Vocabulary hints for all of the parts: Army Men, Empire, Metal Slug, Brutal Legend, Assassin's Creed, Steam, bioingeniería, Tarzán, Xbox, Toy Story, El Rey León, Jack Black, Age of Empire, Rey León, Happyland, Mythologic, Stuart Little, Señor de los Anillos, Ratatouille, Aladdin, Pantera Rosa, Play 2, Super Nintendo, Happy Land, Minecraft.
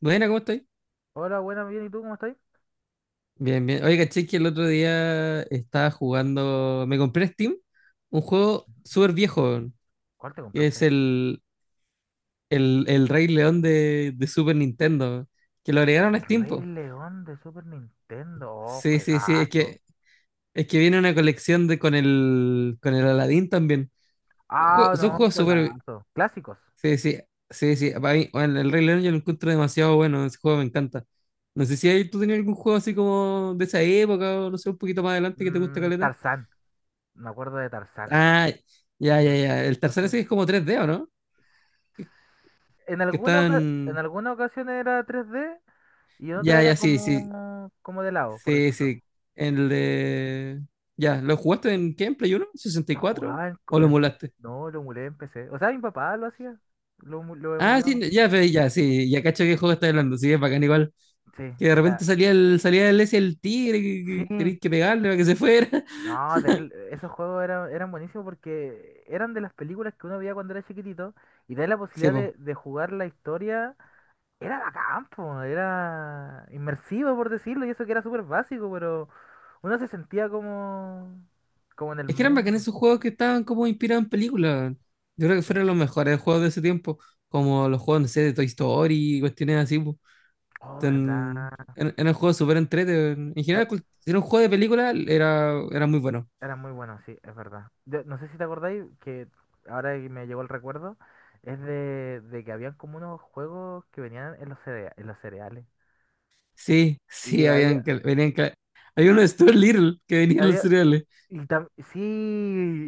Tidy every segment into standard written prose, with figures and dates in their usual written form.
Buena, ¿cómo estáis? Hola, buena bien, ¿y tú cómo estás? Bien, bien. Oye, caché que el otro día estaba jugando. Me compré en Steam un juego súper viejo, weón, ¿Cuál te que es compraste? el Rey León de Super Nintendo, que lo agregaron a El Steam, Rey po. León de Super Nintendo. Oh, Sí, sí, sí. Juegazo. Es que viene una colección de, con el Aladdin también. Ah, Son no, juegos súper. juegazo. Clásicos. Sí, sí, sí, sí. Para mí, bueno, el Rey León yo lo encuentro demasiado bueno. Ese juego me encanta. No sé si ahí tú tenías algún juego así como de esa época o no sé, un poquito más adelante que te gusta, Mm, caleta. Tarzán. Me acuerdo de Tarzán. Ah, ya, ya, Mm, ya. El no tercero sé. sí es como tres d, ¿o no? Que, En que alguna, oca- en están. alguna ocasión era 3D y en otra Ya, era ya, sí, sí. como de lado, por Sí, decirlo. sí. El de. Ya, ¿lo jugaste en qué? ¿En Play uno? ¿Sesenta y Lo cuatro? jugaba en, co- ¿O lo en- emulaste? No, lo emulé en PC. O sea, mi papá lo hacía. Lo Ah, emulaba. sí, ya, ya, sí. Ya cacho qué juego está hablando. Sí, es bacán igual. Sí, Que de era... repente salía el ese el tigre, Sí. que tenías que pegarle para que se fuera. No, terrible. Esos juegos eran buenísimos porque eran de las películas que uno veía cuando era chiquitito y tener la Sí, posibilidad de, po. de jugar la historia era bacán, po, era inmersivo por decirlo y eso que era súper básico, pero uno se sentía como en el Es que eran bacanes mundo. esos juegos que estaban como inspirados en películas. Yo creo que Sí. fueron los mejores juegos de ese tiempo. Como los juegos, no sé, de Toy Story y cuestiones así. Oh, En, verdad. en, en el juego súper entrete. En Ah, general, si era un juego de película, era, era muy bueno. era muy bueno, sí, es verdad. No sé si te acordáis que ahora que me llegó el recuerdo, es de que habían como unos juegos que venían en los cereales Sí, y sí, habían, había... venían, había uno de Stuart Little que venía en los Había, cereales. sí,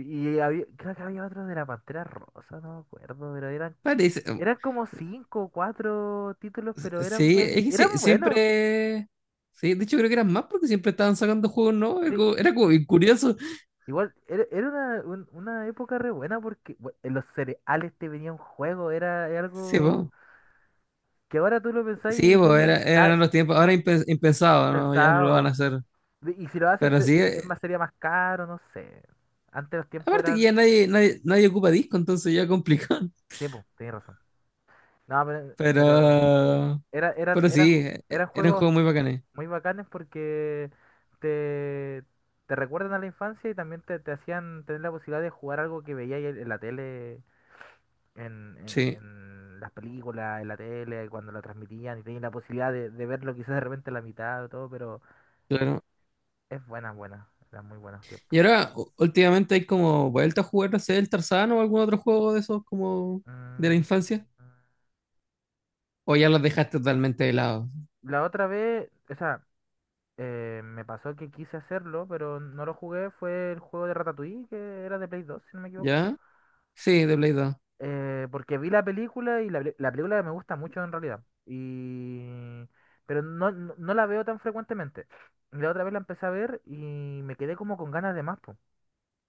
y había, creo que había otros de la Pantera Rosa, no me acuerdo, pero eran, Parece, eran como cinco o cuatro títulos, pero eran sí, buen, es que eran buenos. siempre, sí, de hecho creo que eran más porque siempre estaban sacando juegos, no era Sí, como, era como bien curioso. igual, era una época re buena porque en los cereales te venía un juego, era Sí, algo po. que ahora tú lo pensás y Sí, po, decís, está eran los tiempos, ahora impensado, ¿no? Ya no lo van a pensado. hacer. Y si lo hacen, Pero sí, es más, sería más caro, no sé. Antes los tiempos aparte eran, que ya nadie, nadie, nadie ocupa disco, entonces ya complicado. Sí, pues, tenés razón. No, pero Pero era, eran, Pero eran, sí, eran eran juegos juegos muy bacanes. muy bacanes porque te, te recuerdan a la infancia y también te hacían tener la posibilidad de jugar algo que veías en la tele, en, en, Sí, en las películas, en la tele, cuando la transmitían y tenías la posibilidad de verlo quizás de repente a la mitad o todo, pero claro. es buena, buena, eran muy buenos tiempos. Y ahora, últimamente hay como vuelta a jugar, no sé, el Tarzán o algún otro juego de esos como de la Mm, infancia. O ya los dejaste totalmente de lado. la otra vez, o sea, me pasó que quise hacerlo, pero no lo jugué, fue el juego de Ratatouille, que era de Play 2 si no me equivoco. ¿Ya? Sí, de Play 2. Porque vi la película y la película me gusta mucho en realidad. Pero no la veo tan frecuentemente. Y la otra vez la empecé a ver y me quedé como con ganas de más, po.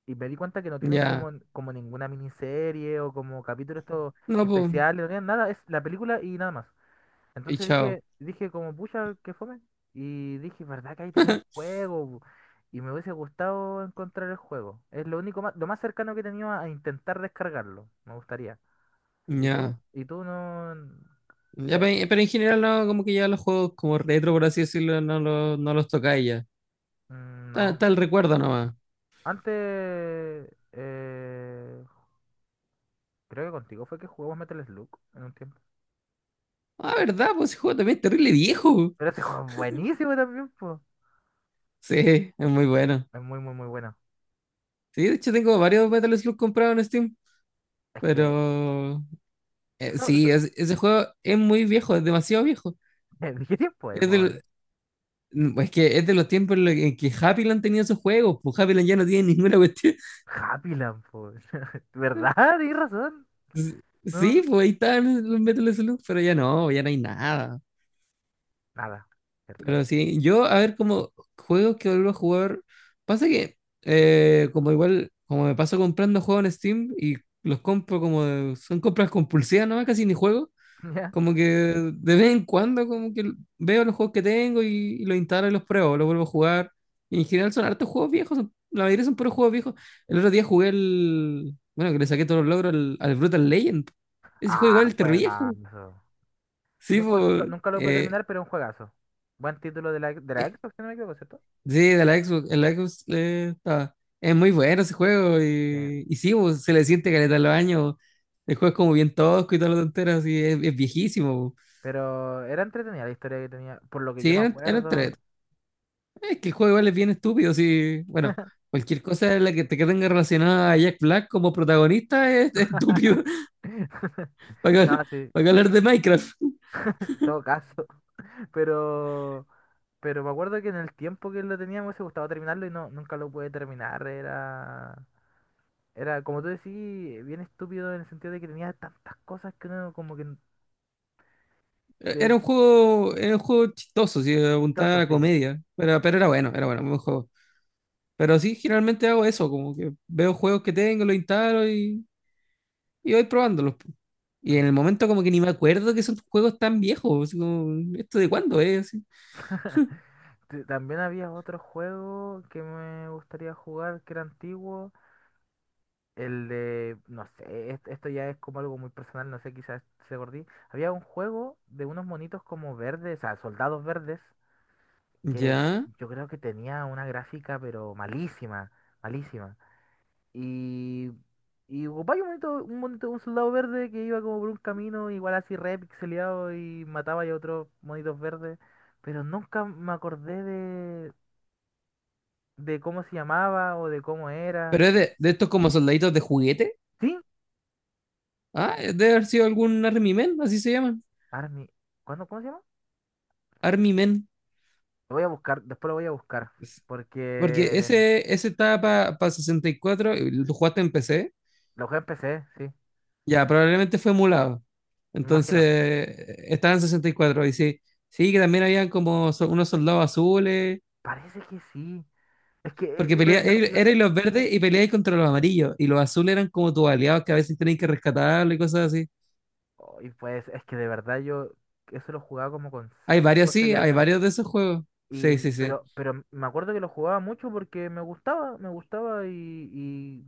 Y me di cuenta que no tienen Ya. como ninguna miniserie o como capítulos estos No, pues. especiales, no tienen nada, es la película y nada más. Y Entonces chao. dije como, pucha, que fome. Y dije, ¿verdad que ahí tienen juego? Y me hubiese gustado encontrar el juego. Es lo único más, lo más cercano que he tenido a intentar descargarlo. Me gustaría. ¿Y tú? Ya. ¿Y tú no...? Ya, de- pero en general no, como que ya los juegos como retro, por así decirlo, no, no los tocáis ya. mm, Está, no. está el recuerdo nomás. Antes. Creo que contigo fue que jugamos Metal Slug en un tiempo. Ah, ¿verdad? Pues ese juego también es terrible viejo. Pero ese juego es buenísimo también, pues. Sí, es muy bueno. Es muy, muy, muy bueno. Sí, de hecho tengo varios Metal Slug comprados en Steam. Es que... Pero Eso, sí, eso- ese juego es muy viejo, es demasiado viejo. ¿De qué tiempo es, Es más o menos? del, es que es de los tiempos en los que en que Happyland tenía sus juegos, pues Happyland ya no tiene ninguna cuestión. Happy Land, pues. ¿Verdad? Tienes razón. No. Sí, pues ahí están los Metal Slug, pero ya no, ya no hay nada. Nada. ¿Cierto? Pero sí, yo a ver como juegos que vuelvo a jugar. Pasa que, como igual, como me paso comprando juegos en Steam y los compro son compras compulsivas nomás, casi ni juego. Ya. Como que de vez en cuando como que veo los juegos que tengo y los instalo y los pruebo, los vuelvo a jugar. Y en general son hartos juegos viejos, la mayoría son puros juegos viejos. El otro día jugué el... Bueno, que le saqué todos los logros al, al Brutal Legend. Ese juego Ah, igual es terrible viejo. juegazo. Sí, Ese juego nunca, pues... nunca lo pude eh, terminar, pero es un juegazo. Buen título de la eh, Xbox, si no me equivoco, ¿cierto? sí, de la Xbox. El Xbox es muy bueno ese juego Sí. Y sí, pues, se le siente caleta a los años. El juego es como bien tosco y todas las tonteras y es viejísimo, pues. Pero era entretenida la historia que tenía, por lo que yo Sí, me eran, eran, acuerdo. es que el juego igual es bien estúpido, sí. Bueno, cualquier cosa en la que te que tenga relacionada a Jack Black como protagonista es estúpido. Para, que- No, sí, en para que hablar de Minecraft. todo caso. Pero, pero me acuerdo que en el tiempo que lo tenía me hubiese gustado terminarlo y no, nunca lo pude terminar. Era, como tú decís, bien estúpido en el sentido de que tenía tantas cosas que uno como que te Era un juego chistoso, sí, apuntaba a vistoso, la sí. comedia. Pero era bueno, buen juego. Pero sí, generalmente hago eso, como que veo juegos que tengo, los instalo y voy probándolos. Y en Mm. el momento como que ni me acuerdo que son juegos tan viejos, así como, ¿esto de cuándo es? Así. También había otro juego que me gustaría jugar que era antiguo. El de, no sé, esto ya es como algo muy personal, no sé, quizás se gordí. Había un juego de unos monitos como verdes, o sea, soldados verdes, que Ya. yo creo que tenía una gráfica, pero malísima, malísima. Y, y ocupaba un monito, un monito, un soldado verde que iba como por un camino, igual así re pixeleado y mataba a otros monitos verdes, pero nunca me acordé de cómo se llamaba o de cómo era. Pero es de estos como soldaditos de juguete. ¿Sí? Ah, debe haber sido algún Army Men, así se llaman. Army, ¿cuándo, cómo se llama? Army Men. Lo voy a buscar, después lo voy a buscar, Es- porque Porque ese estaba para 64, y cuatro, y lo jugaste en PC. lo jugué en PC, sí, Ya, probablemente fue emulado. me Entonces, imagino. Estaba en 64. Y cuatro. Y sí, sí, que también habían unos soldados azules. Parece que sí. Es que Porque me- pelea, me- me- erais los verdes y peleáis contra los amarillos. Y los azules eran como tus aliados que a veces tenéis que rescatarlo y cosas así. Ay, pues, es que de verdad yo eso lo jugaba como con Hay 5 varios, o 6 sí, hay años. varios de esos juegos. Y, Sí, sí, sí. pero, pero me acuerdo que lo jugaba mucho porque me gustaba y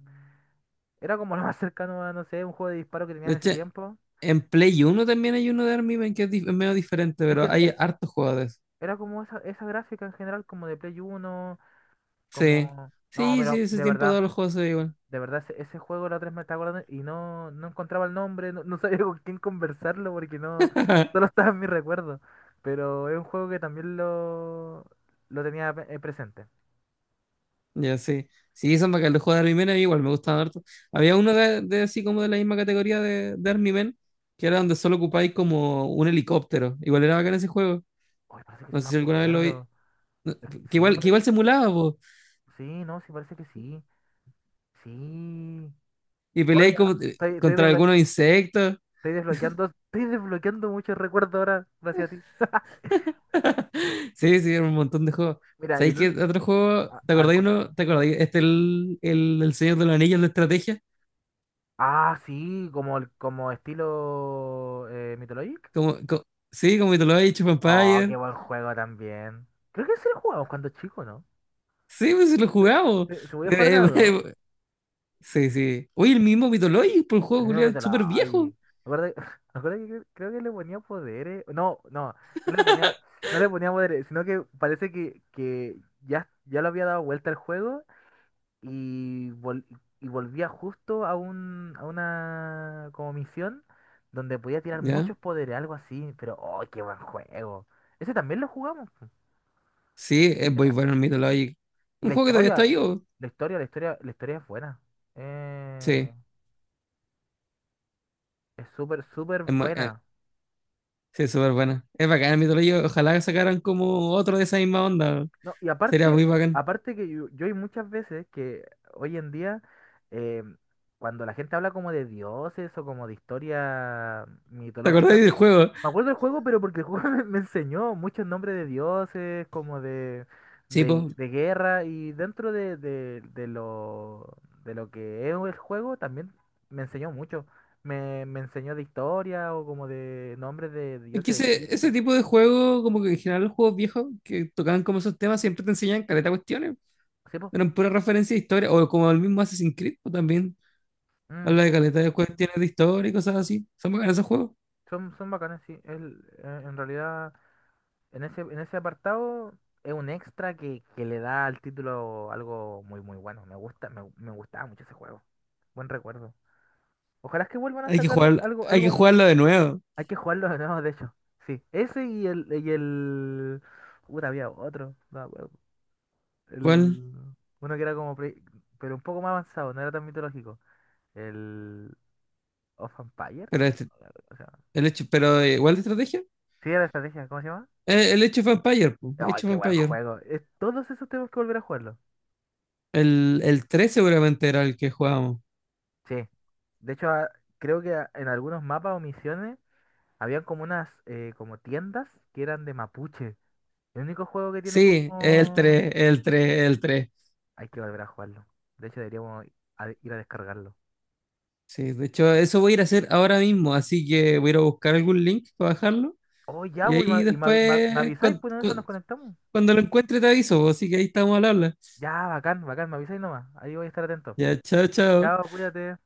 era como lo más cercano a, no sé, un juego de disparo que tenía De en ese hecho, tiempo. en Play uno también hay uno de Army Men que es, es medio diferente, Es pero que hay es- hartos juegos de eso. era como esa gráfica en general, como de Play 1, Sí, como... No, sí, sí, pero ese de tiempo verdad. todos los juegos son igual. De verdad, ese juego la otra vez me estaba acordando y no encontraba el nombre, no sabía con quién conversarlo porque no, solo estaba en mi recuerdo. Pero es un juego que también lo tenía presente. Ya, sí. Sí, son bacanes. Los juegos de Army Men a mí igual me gustaban harto. Había uno de así como de la misma categoría de Army Men, que era donde solo ocupáis como un helicóptero. Igual era bacán ese juego. Oye, parece que No sí me sé si alguna vez lo vi. acuerdo. Eh, Sí, Que pare- igual simulaba, po. sí, no, sí, parece que sí. Sí. Y Oye, peleáis como, ah, estoy, estoy, contra desblo- algunos insectos. estoy desbloqueando, estoy desbloqueando muchos recuerdos ahora gracias a ti. Sí, sí, era un montón de juegos. Mira, y ¿Sabéis el qué ul- otro juego? ¿Te a ver acordáis cuál- uno? ¿Te acordáis? Este el Señor de los Anillos de estrategia. ah, sí, como estilo Mythologic. Como, co- sí, como te lo he dicho, Oh, qué Empire. buen juego también. Creo que ese lo jugamos cuando chico, ¿no? Sí, pues sí lo jugamos. Se voy a jugar de Eh, a dos. eh, sí, sí. Oye, el mismo Mythologic, por el El juego mismo culiao, meto súper la. viejo. Ay. Me acuerdo, que- Me acuerdo que creo que le ponía poderes. No, no le ponía, no le ponía poderes, sino que parece que ya lo había dado vuelta al juego y, vol- y volvía justo a una como misión donde podía tirar ¿Ya? muchos poderes, algo así. Pero, oh, qué buen juego. Ese también lo jugamos. Sí, es muy ¿No? bueno el Mythologic. Y Un la juego que todavía está historia, vivo. la historia, la historia, la historia es buena. Eh, Sí, es súper, súper es mu- eh, buena. sí, es súper bueno. Es bacán el Mythologic. Ojalá sacaran como otro de esa misma onda. No, y Sería aparte, muy bacán. aparte que yo hay muchas veces que hoy en día, eh, cuando la gente habla como de dioses o como de historia ¿Te acordáis mitológica, del juego? me acuerdo del juego, pero porque el juego me enseñó muchos nombres de dioses, como de, Sí, de, pues, de guerra, y dentro de lo que es el juego también me enseñó mucho. Me enseñó de historia o como de nombres de es dioses que de ese Egipto. tipo de juego, como que en general los juegos viejos que tocaban como esos temas, siempre te enseñan caleta de cuestiones. Sí, pues, Eran pura referencia de historia, o como el mismo Assassin's Creed, o también habla de caleta de cuestiones de historia y cosas así. Son bacanas esos juegos. son bacanas, sí. En realidad, en ese apartado es un extra que le da al título algo muy, muy bueno. Me gusta, me gustaba mucho ese juego. Buen recuerdo. Ojalá que vuelvan a Hay que sacar un, jugar, algo, hay que algo. mu- jugarlo de nuevo. Hay que jugarlo de nuevo, de hecho. Sí, ese y el. Puta, había otro. No me acuerdo. ¿Cuál? El... Uno que era como. Pero un poco más avanzado, no era tan mitológico. El. Of Empire, Pero no. este, O sea, el hecho, pero igual de estrategia. sí, era estrategia, ¿cómo se llama? El hecho of Empire, po, ¡Ay, Age of qué buen Empire. juego! Todos esos tenemos que volver a jugarlo. El 3 seguramente era el que jugábamos. Sí. De hecho, creo que en algunos mapas o misiones habían como unas como tiendas que eran de mapuche. El único juego que tiene Sí, como. El tres. Hay que volver a jugarlo. De hecho, deberíamos ir a descargarlo. Sí, de hecho, eso voy a ir a hacer ahora mismo, así que voy a ir a buscar algún link para bajarlo. Oh, ya, Y voy, ahí y me después, avisáis, pues, en esa nos conectamos. cuando lo encuentre, te aviso, pues, así que ahí estamos al habla. Ya, bacán, bacán, me avisáis nomás. Ahí voy a estar atento. Ya, chao, chao. Chao, cuídate.